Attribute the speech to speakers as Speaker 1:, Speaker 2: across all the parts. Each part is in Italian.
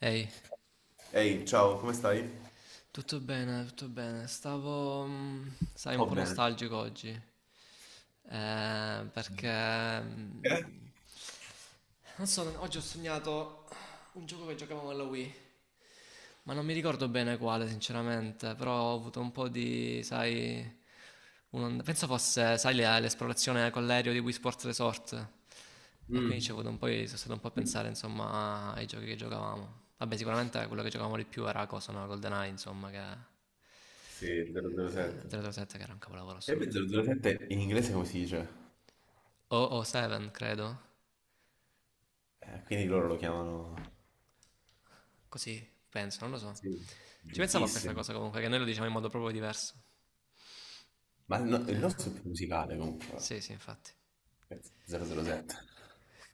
Speaker 1: Ehi,
Speaker 2: Ehi, ciao, come stai?
Speaker 1: tutto bene, tutto bene. Stavo, sai, un
Speaker 2: Sto
Speaker 1: po'
Speaker 2: bene.
Speaker 1: nostalgico oggi. Eh, perché...
Speaker 2: Eh?
Speaker 1: mm, Non so, oggi ho sognato un gioco che giocavamo alla Wii. Ma non mi ricordo bene quale, sinceramente. Però ho avuto un po' di, sai. Penso fosse, sai, l'esplorazione con l'aereo di Wii Sports Resort. E quindi ci ho
Speaker 2: Mm.
Speaker 1: avuto un po', sono stato un po' a pensare, insomma, ai giochi che giocavamo. Vabbè, sicuramente quello che giocavamo di più era cosa, no? GoldenEye, insomma, che.
Speaker 2: Sì, 007.
Speaker 1: 007 che era un capolavoro
Speaker 2: E poi
Speaker 1: assoluto.
Speaker 2: 007 in inglese come si dice?
Speaker 1: O 07, credo.
Speaker 2: Quindi loro lo chiamano...
Speaker 1: Così, penso, non lo so.
Speaker 2: Sì,
Speaker 1: Ci pensavo a questa
Speaker 2: giustissimo.
Speaker 1: cosa comunque, che noi lo diciamo in modo proprio diverso.
Speaker 2: Ma il
Speaker 1: Eh,
Speaker 2: nostro è più musicale comunque.
Speaker 1: sì, sì, infatti.
Speaker 2: Penso, 007.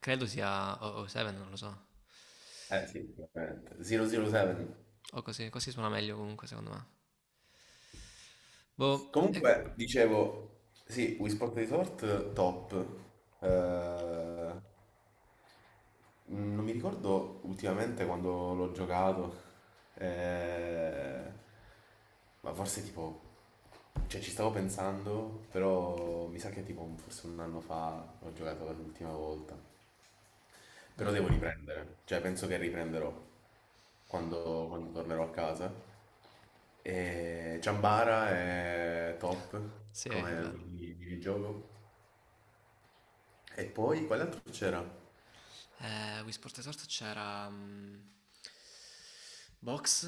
Speaker 1: Credo sia 007, non lo so.
Speaker 2: Eh sì, veramente. 007.
Speaker 1: O così, così suona meglio comunque, secondo me. Boh,
Speaker 2: Comunque, dicevo, sì, Wii Sport Resort top. Eh, Non mi ricordo ultimamente quando l'ho giocato, eh, ma forse tipo, cioè ci stavo pensando, però mi sa che tipo forse un anno fa ho giocato per l'ultima volta. Però
Speaker 1: mm,
Speaker 2: devo riprendere, cioè penso che riprenderò quando, quando tornerò a casa. E Ciambara è top
Speaker 1: sì, è
Speaker 2: come
Speaker 1: vero.
Speaker 2: minigioco. E poi quale altro c'era?
Speaker 1: Wii Sport Resort c'era Box,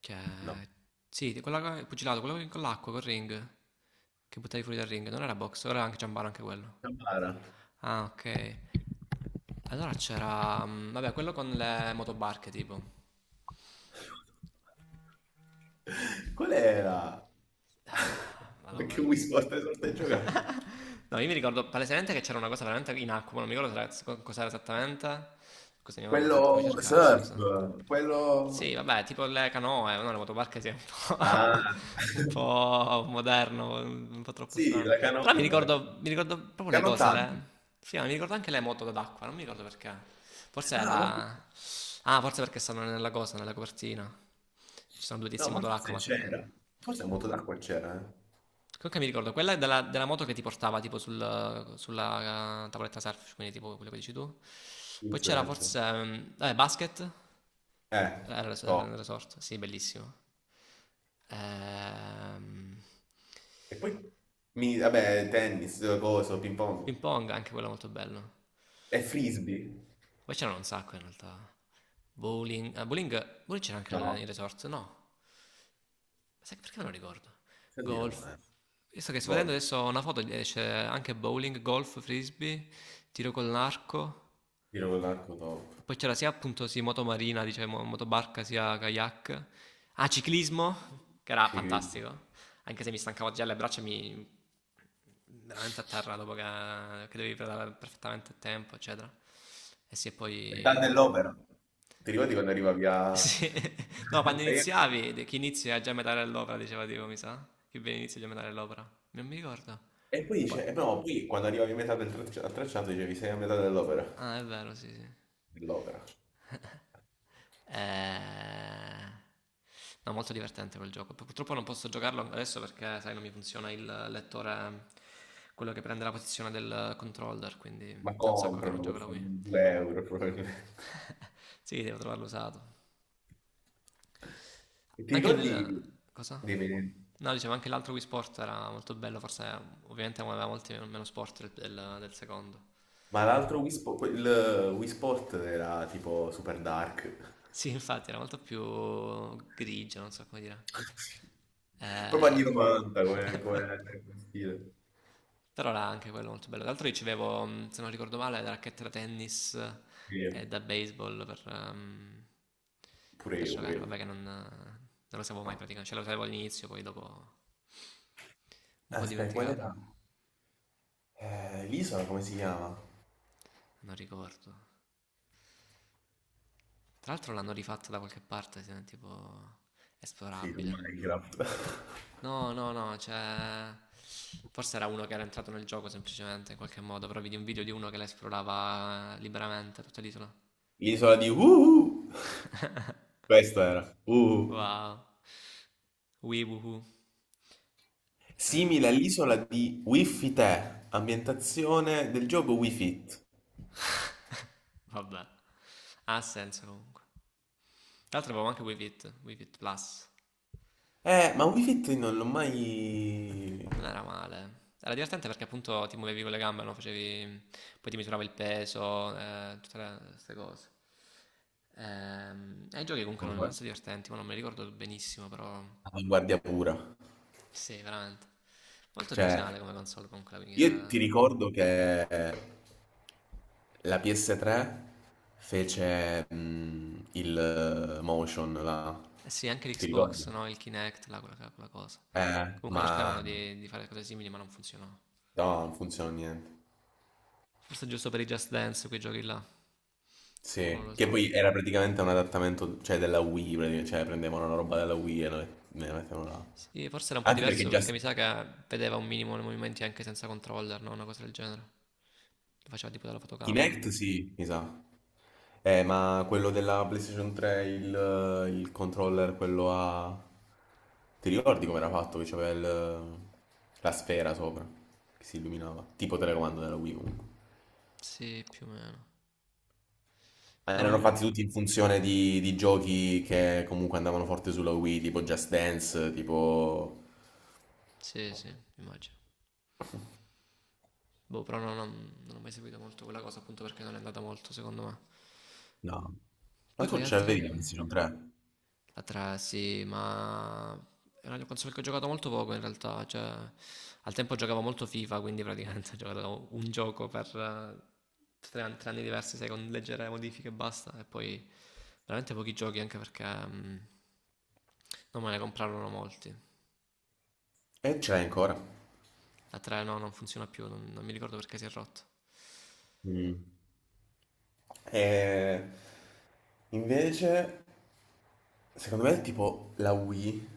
Speaker 1: che.
Speaker 2: No,
Speaker 1: Sì, di quella, il pugilato, quello con l'acqua, col ring, che buttavi fuori dal ring. Non era Box, ora era anche Giambaro, anche quello.
Speaker 2: Ciambara.
Speaker 1: Ah, ok. Allora c'era, vabbè, quello con le motobarche tipo.
Speaker 2: Qual era? Ma
Speaker 1: Madonna,
Speaker 2: che Wii
Speaker 1: mm,
Speaker 2: Sport Resort hai giocato?
Speaker 1: No, io mi ricordo palesemente che c'era una cosa veramente in acqua, ma non mi ricordo se cos'era esattamente. Scusa, mia mamma, fammi
Speaker 2: Quello
Speaker 1: cercare,
Speaker 2: surf,
Speaker 1: scusa. Sì,
Speaker 2: quello...
Speaker 1: vabbè, tipo le canoe, no, le motobarche sì, è un po',
Speaker 2: Ah,
Speaker 1: un po' moderno, un po' troppo
Speaker 2: sì,
Speaker 1: strano.
Speaker 2: la
Speaker 1: Però mi ricordo, mi ricordo proprio le cose,
Speaker 2: canottaggio.
Speaker 1: le. Sì, ma mi ricordo anche le moto d'acqua, non mi ricordo perché. Forse è
Speaker 2: Ah, ma,
Speaker 1: la. Ah, forse perché stanno nella cosa, nella copertina. Ci sono due tizi
Speaker 2: no,
Speaker 1: in
Speaker 2: ma
Speaker 1: moto d'acqua.
Speaker 2: forse c'era, forse a moto d'acqua c'era, eh?
Speaker 1: Comunque mi ricordo, quella della moto che ti portava tipo sulla tavoletta surf, quindi tipo quello che dici tu. Poi c'era
Speaker 2: Windsurf.
Speaker 1: forse, vabbè, basket,
Speaker 2: Eh,
Speaker 1: era il res- era
Speaker 2: top.
Speaker 1: il resort, sì, bellissimo. Ehm,
Speaker 2: E poi, vabbè, tennis, coso, ping pong.
Speaker 1: ping pong, anche quello molto bello.
Speaker 2: E frisbee?
Speaker 1: Poi c'erano un sacco in realtà. Bowling, ah, bowling c'era anche nel
Speaker 2: No,
Speaker 1: nel resort, no? Sai perché non ricordo?
Speaker 2: senti no,
Speaker 1: Golf.
Speaker 2: eh.
Speaker 1: Io sto che sto vedendo
Speaker 2: Gol,
Speaker 1: adesso una foto, c'è anche bowling, golf, frisbee, tiro con l'arco.
Speaker 2: tiro con l'arco top.
Speaker 1: Poi c'era sia appunto sì, moto marina, diciamo, motobarca, sia kayak. Ah, ciclismo, che era
Speaker 2: Ci credi.
Speaker 1: fantastico, anche se mi stancavo già le braccia, mi veramente a terra dopo che dovevi pedalare perfettamente a tempo, eccetera. E sì, e
Speaker 2: Metà
Speaker 1: poi.
Speaker 2: dell'opera. Ti ricordi
Speaker 1: e-
Speaker 2: quando arriva via...
Speaker 1: sì. No, quando
Speaker 2: Sei a-
Speaker 1: iniziavi, chi inizia è già a metà dell'opera, diceva tipo, mi sa. Chi bene inizia è già a metà dell'opera. Non mi ricordo.
Speaker 2: E poi
Speaker 1: Poi.
Speaker 2: dice, e no, poi quando arrivavi a metà del al tracciato dicevi sei a metà dell'opera.
Speaker 1: Ah, è vero, sì, sì.
Speaker 2: Dell'opera.
Speaker 1: Eh, no, molto divertente quel gioco. Purtroppo non posso giocarlo adesso perché, sai, non mi funziona il lettore, quello che prende la posizione del controller, quindi
Speaker 2: Ma
Speaker 1: è un sacco che non
Speaker 2: comprano
Speaker 1: gioco la
Speaker 2: questo
Speaker 1: Wii.
Speaker 2: 2 euro probabilmente.
Speaker 1: Sì, devo trovarlo usato.
Speaker 2: E ti
Speaker 1: Anche
Speaker 2: ricordi
Speaker 1: il, cosa?
Speaker 2: dei menu?
Speaker 1: No, dicevo, anche l'altro Wii Sport era molto bello, forse ovviamente aveva molti meno sport del secondo.
Speaker 2: Ma l'altro Wii Sport era tipo super dark.
Speaker 1: Sì, infatti, era molto più grigio, non so come dire.
Speaker 2: Proprio
Speaker 1: Eh...
Speaker 2: anni 90 come, come stile.
Speaker 1: Però era anche quello molto bello. Tra l'altro ricevevo, se non ricordo male, da racchette da tennis e
Speaker 2: Sì,
Speaker 1: da baseball per, ehm,
Speaker 2: Pure
Speaker 1: per
Speaker 2: io, pure
Speaker 1: giocare.
Speaker 2: io.
Speaker 1: Vabbè che non lo sapevo mai praticamente. Cioè lo sapevo all'inizio, poi dopo un po'
Speaker 2: Aspetta, qual
Speaker 1: dimenticata.
Speaker 2: era? L'isola come si chiama?
Speaker 1: Non ricordo. Tra l'altro l'hanno rifatta da qualche parte, tipo
Speaker 2: Sì, su
Speaker 1: esplorabile.
Speaker 2: Minecraft.
Speaker 1: No, no, no, cioè. Forse era uno che era entrato nel gioco semplicemente, in qualche modo. Però vedi un video di uno che la esplorava liberamente tutta l'isola.
Speaker 2: L'isola di Uhu. Questo era. Uhu.
Speaker 1: Wow. Wee woohoo.
Speaker 2: Simile all'isola di Wii Fit, Air, ambientazione del gioco Wii Fit.
Speaker 1: Vabbè. Ha senso comunque. Tra l'altro avevo anche Wii Fit, Wii Fit Plus.
Speaker 2: Ma Wii Fit non l'ho mai...
Speaker 1: Non era male. Era divertente perché appunto ti muovevi con le gambe, no? Facevi. Poi ti misurava il peso, tutte queste cose. E i giochi comunque
Speaker 2: non
Speaker 1: erano
Speaker 2: guard-
Speaker 1: abbastanza divertenti, ma non mi ricordo benissimo, però.
Speaker 2: Avanguardia pura.
Speaker 1: Sì, veramente. Molto originale
Speaker 2: Cioè,
Speaker 1: come console comunque la Wii
Speaker 2: io ti
Speaker 1: era.
Speaker 2: ricordo che la PS3 fece mm, il motion là.
Speaker 1: Eh sì, anche
Speaker 2: Ti ricordi?
Speaker 1: l'Xbox, no? Il Kinect, là, quella cosa.
Speaker 2: Eh,
Speaker 1: Comunque
Speaker 2: ma
Speaker 1: cercarono di fare cose simili, ma non funzionò.
Speaker 2: No, non funziona niente.
Speaker 1: Forse giusto per i Just Dance, quei giochi là. Qualcuno lo
Speaker 2: Sì, che
Speaker 1: usava.
Speaker 2: poi era praticamente un adattamento, cioè della Wii, praticamente, cioè prendevano la roba della Wii e ne mettevano là.
Speaker 1: Sì, forse era un po'
Speaker 2: Anche perché
Speaker 1: diverso
Speaker 2: già
Speaker 1: perché
Speaker 2: s-
Speaker 1: mi sa che vedeva un minimo nei movimenti anche senza controller, no? Una cosa del genere. Lo faceva tipo dalla fotocamera.
Speaker 2: Kinect sì, mi sa. Ma quello della PlayStation 3, il controller, quello a... Ti ricordi come era fatto? La sfera sopra, che si illuminava. Tipo telecomando della Wii comunque.
Speaker 1: Sì, più o meno.
Speaker 2: Ma
Speaker 1: No, non
Speaker 2: erano
Speaker 1: mi-
Speaker 2: fatti tutti in funzione di giochi che comunque andavano forte sulla Wii, tipo Just Dance, tipo
Speaker 1: sì, sì, immagino. Boh, però no, non ho mai seguito molto quella cosa appunto perché non è andata molto, secondo me.
Speaker 2: No, ma
Speaker 1: Poi
Speaker 2: tu
Speaker 1: quegli
Speaker 2: ce l'avevi la
Speaker 1: altri.
Speaker 2: PlayStation 3?
Speaker 1: La 3, sì, ma. È una console che ho giocato molto poco in realtà, cioè. Al tempo giocavo molto FIFA, quindi praticamente ho giocato un gioco per tre anni diversi, sai, con leggere modifiche e basta, e poi veramente pochi giochi anche perché non me ne comprarono molti.
Speaker 2: E ce l'hai ancora?
Speaker 1: La 3 no, non funziona più, non mi ricordo perché si è rotto.
Speaker 2: Mm. E invece, secondo me, tipo la Wii,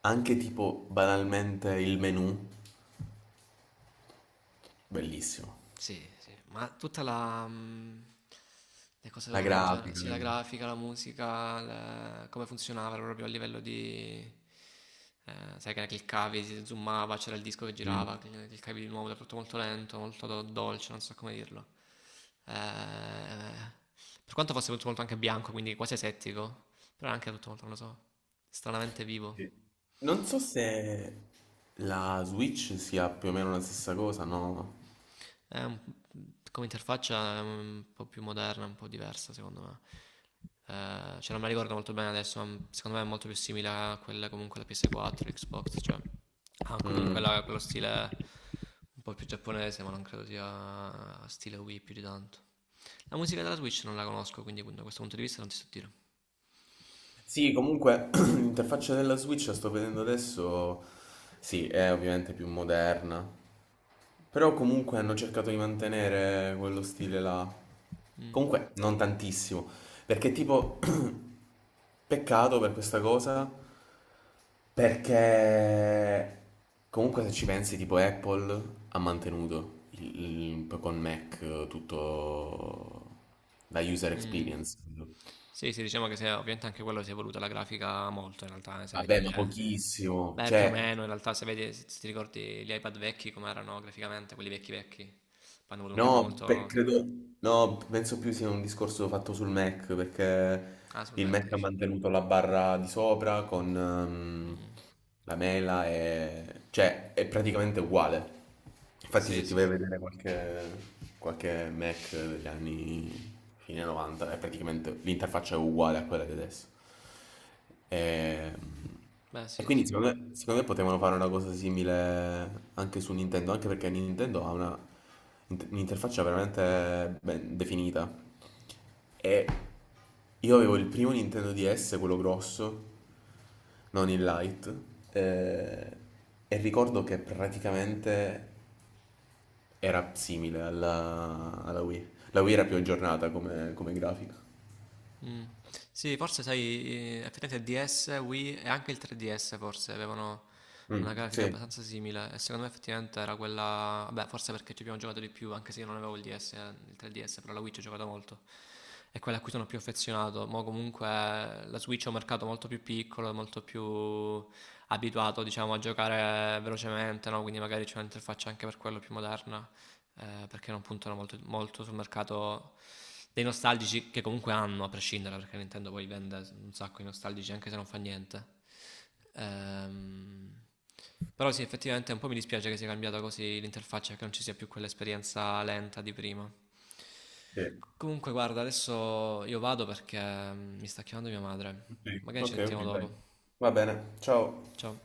Speaker 2: anche tipo banalmente il menu, bellissimo.
Speaker 1: Sì, sì, ma tutta le cose
Speaker 2: La
Speaker 1: loro in genere,
Speaker 2: grafica,
Speaker 1: sì,
Speaker 2: le
Speaker 1: la
Speaker 2: cose.
Speaker 1: grafica, la musica, come funzionava proprio a livello di. Sai che ne cliccavi, si zoomava, c'era il disco che
Speaker 2: Mm.
Speaker 1: girava, cliccavi di nuovo, era tutto molto lento, molto dolce, non so come dirlo. Eh, per quanto fosse tutto molto anche bianco, quindi quasi asettico, però era anche tutto molto, non lo so, stranamente vivo.
Speaker 2: Sì. Non so se la Switch sia più o meno la stessa cosa, no?
Speaker 1: È un- Come interfaccia è un po' più moderna, un po' diversa secondo me. Cioè non me la ricordo molto bene adesso, ma secondo me è molto più simile a quella comunque la PS4, l'Xbox, cioè ha comunque
Speaker 2: Mm.
Speaker 1: quello stile un po' più giapponese, ma non credo sia stile Wii più di tanto. La musica della Switch non la conosco, quindi da questo punto di vista non ti so dire.
Speaker 2: Sì, comunque l'interfaccia della Switch la sto vedendo adesso, sì, è ovviamente più moderna, però comunque hanno cercato di mantenere quello stile là.
Speaker 1: Mm,
Speaker 2: Comunque non tantissimo. Perché tipo, peccato per questa cosa, perché comunque se ci pensi tipo Apple ha mantenuto con Mac tutto la user
Speaker 1: mm.
Speaker 2: experience.
Speaker 1: Sì, sì, diciamo che se, ovviamente anche quello si è evoluta la grafica molto in realtà, se
Speaker 2: Vabbè,
Speaker 1: vedi
Speaker 2: ma
Speaker 1: le,
Speaker 2: pochissimo.
Speaker 1: beh, più o
Speaker 2: Cioè,
Speaker 1: meno, in realtà se vedi, se ti ricordi gli iPad vecchi come erano graficamente, quelli vecchi vecchi, poi hanno avuto un cambio
Speaker 2: no,
Speaker 1: molto.
Speaker 2: penso più sia un discorso fatto sul Mac, perché
Speaker 1: Ah, sul
Speaker 2: il
Speaker 1: Mac
Speaker 2: Mac ha
Speaker 1: dici?
Speaker 2: mantenuto la barra di sopra con
Speaker 1: Mm.
Speaker 2: la mela e... cioè è praticamente uguale. Infatti
Speaker 1: Sì,
Speaker 2: se ti
Speaker 1: sì.
Speaker 2: vai a vedere qualche Mac degli anni fine 90 è praticamente l'interfaccia è uguale a quella di adesso. E,
Speaker 1: Beh, sì,
Speaker 2: quindi
Speaker 1: sì.
Speaker 2: secondo me potevano fare una cosa simile anche su Nintendo, anche perché Nintendo ha un'interfaccia veramente ben definita. E io avevo il primo Nintendo DS, quello grosso, non il Lite, eh, e ricordo che praticamente era simile alla Wii. La Wii era più aggiornata come, come grafica.
Speaker 1: Mm. Sì, forse sai, effettivamente il DS, Wii e anche il 3DS forse avevano una
Speaker 2: Mm,
Speaker 1: grafica
Speaker 2: sì.
Speaker 1: abbastanza simile e secondo me effettivamente era quella, beh, forse perché ci abbiamo giocato di più, anche se io non avevo il DS, il 3DS, però la Wii ci ho giocato molto. È quella a cui sono più affezionato. Ma comunque la Switch è un mercato molto più piccolo, e molto più abituato, diciamo, a giocare velocemente, no? Quindi magari c'è un'interfaccia anche per quello più moderna, perché non puntano molto, molto sul mercato dei nostalgici che comunque hanno, a prescindere, perché Nintendo poi vende un sacco di nostalgici anche se non fa niente. Ehm, Però sì, effettivamente un po' mi dispiace che sia cambiata così l'interfaccia, che non ci sia più quell'esperienza lenta di prima. Comunque, guarda, adesso io vado perché mi sta chiamando mia madre.
Speaker 2: Ok,
Speaker 1: Magari ci
Speaker 2: ok,
Speaker 1: sentiamo
Speaker 2: dai.
Speaker 1: dopo.
Speaker 2: Va bene, ciao.
Speaker 1: Ciao.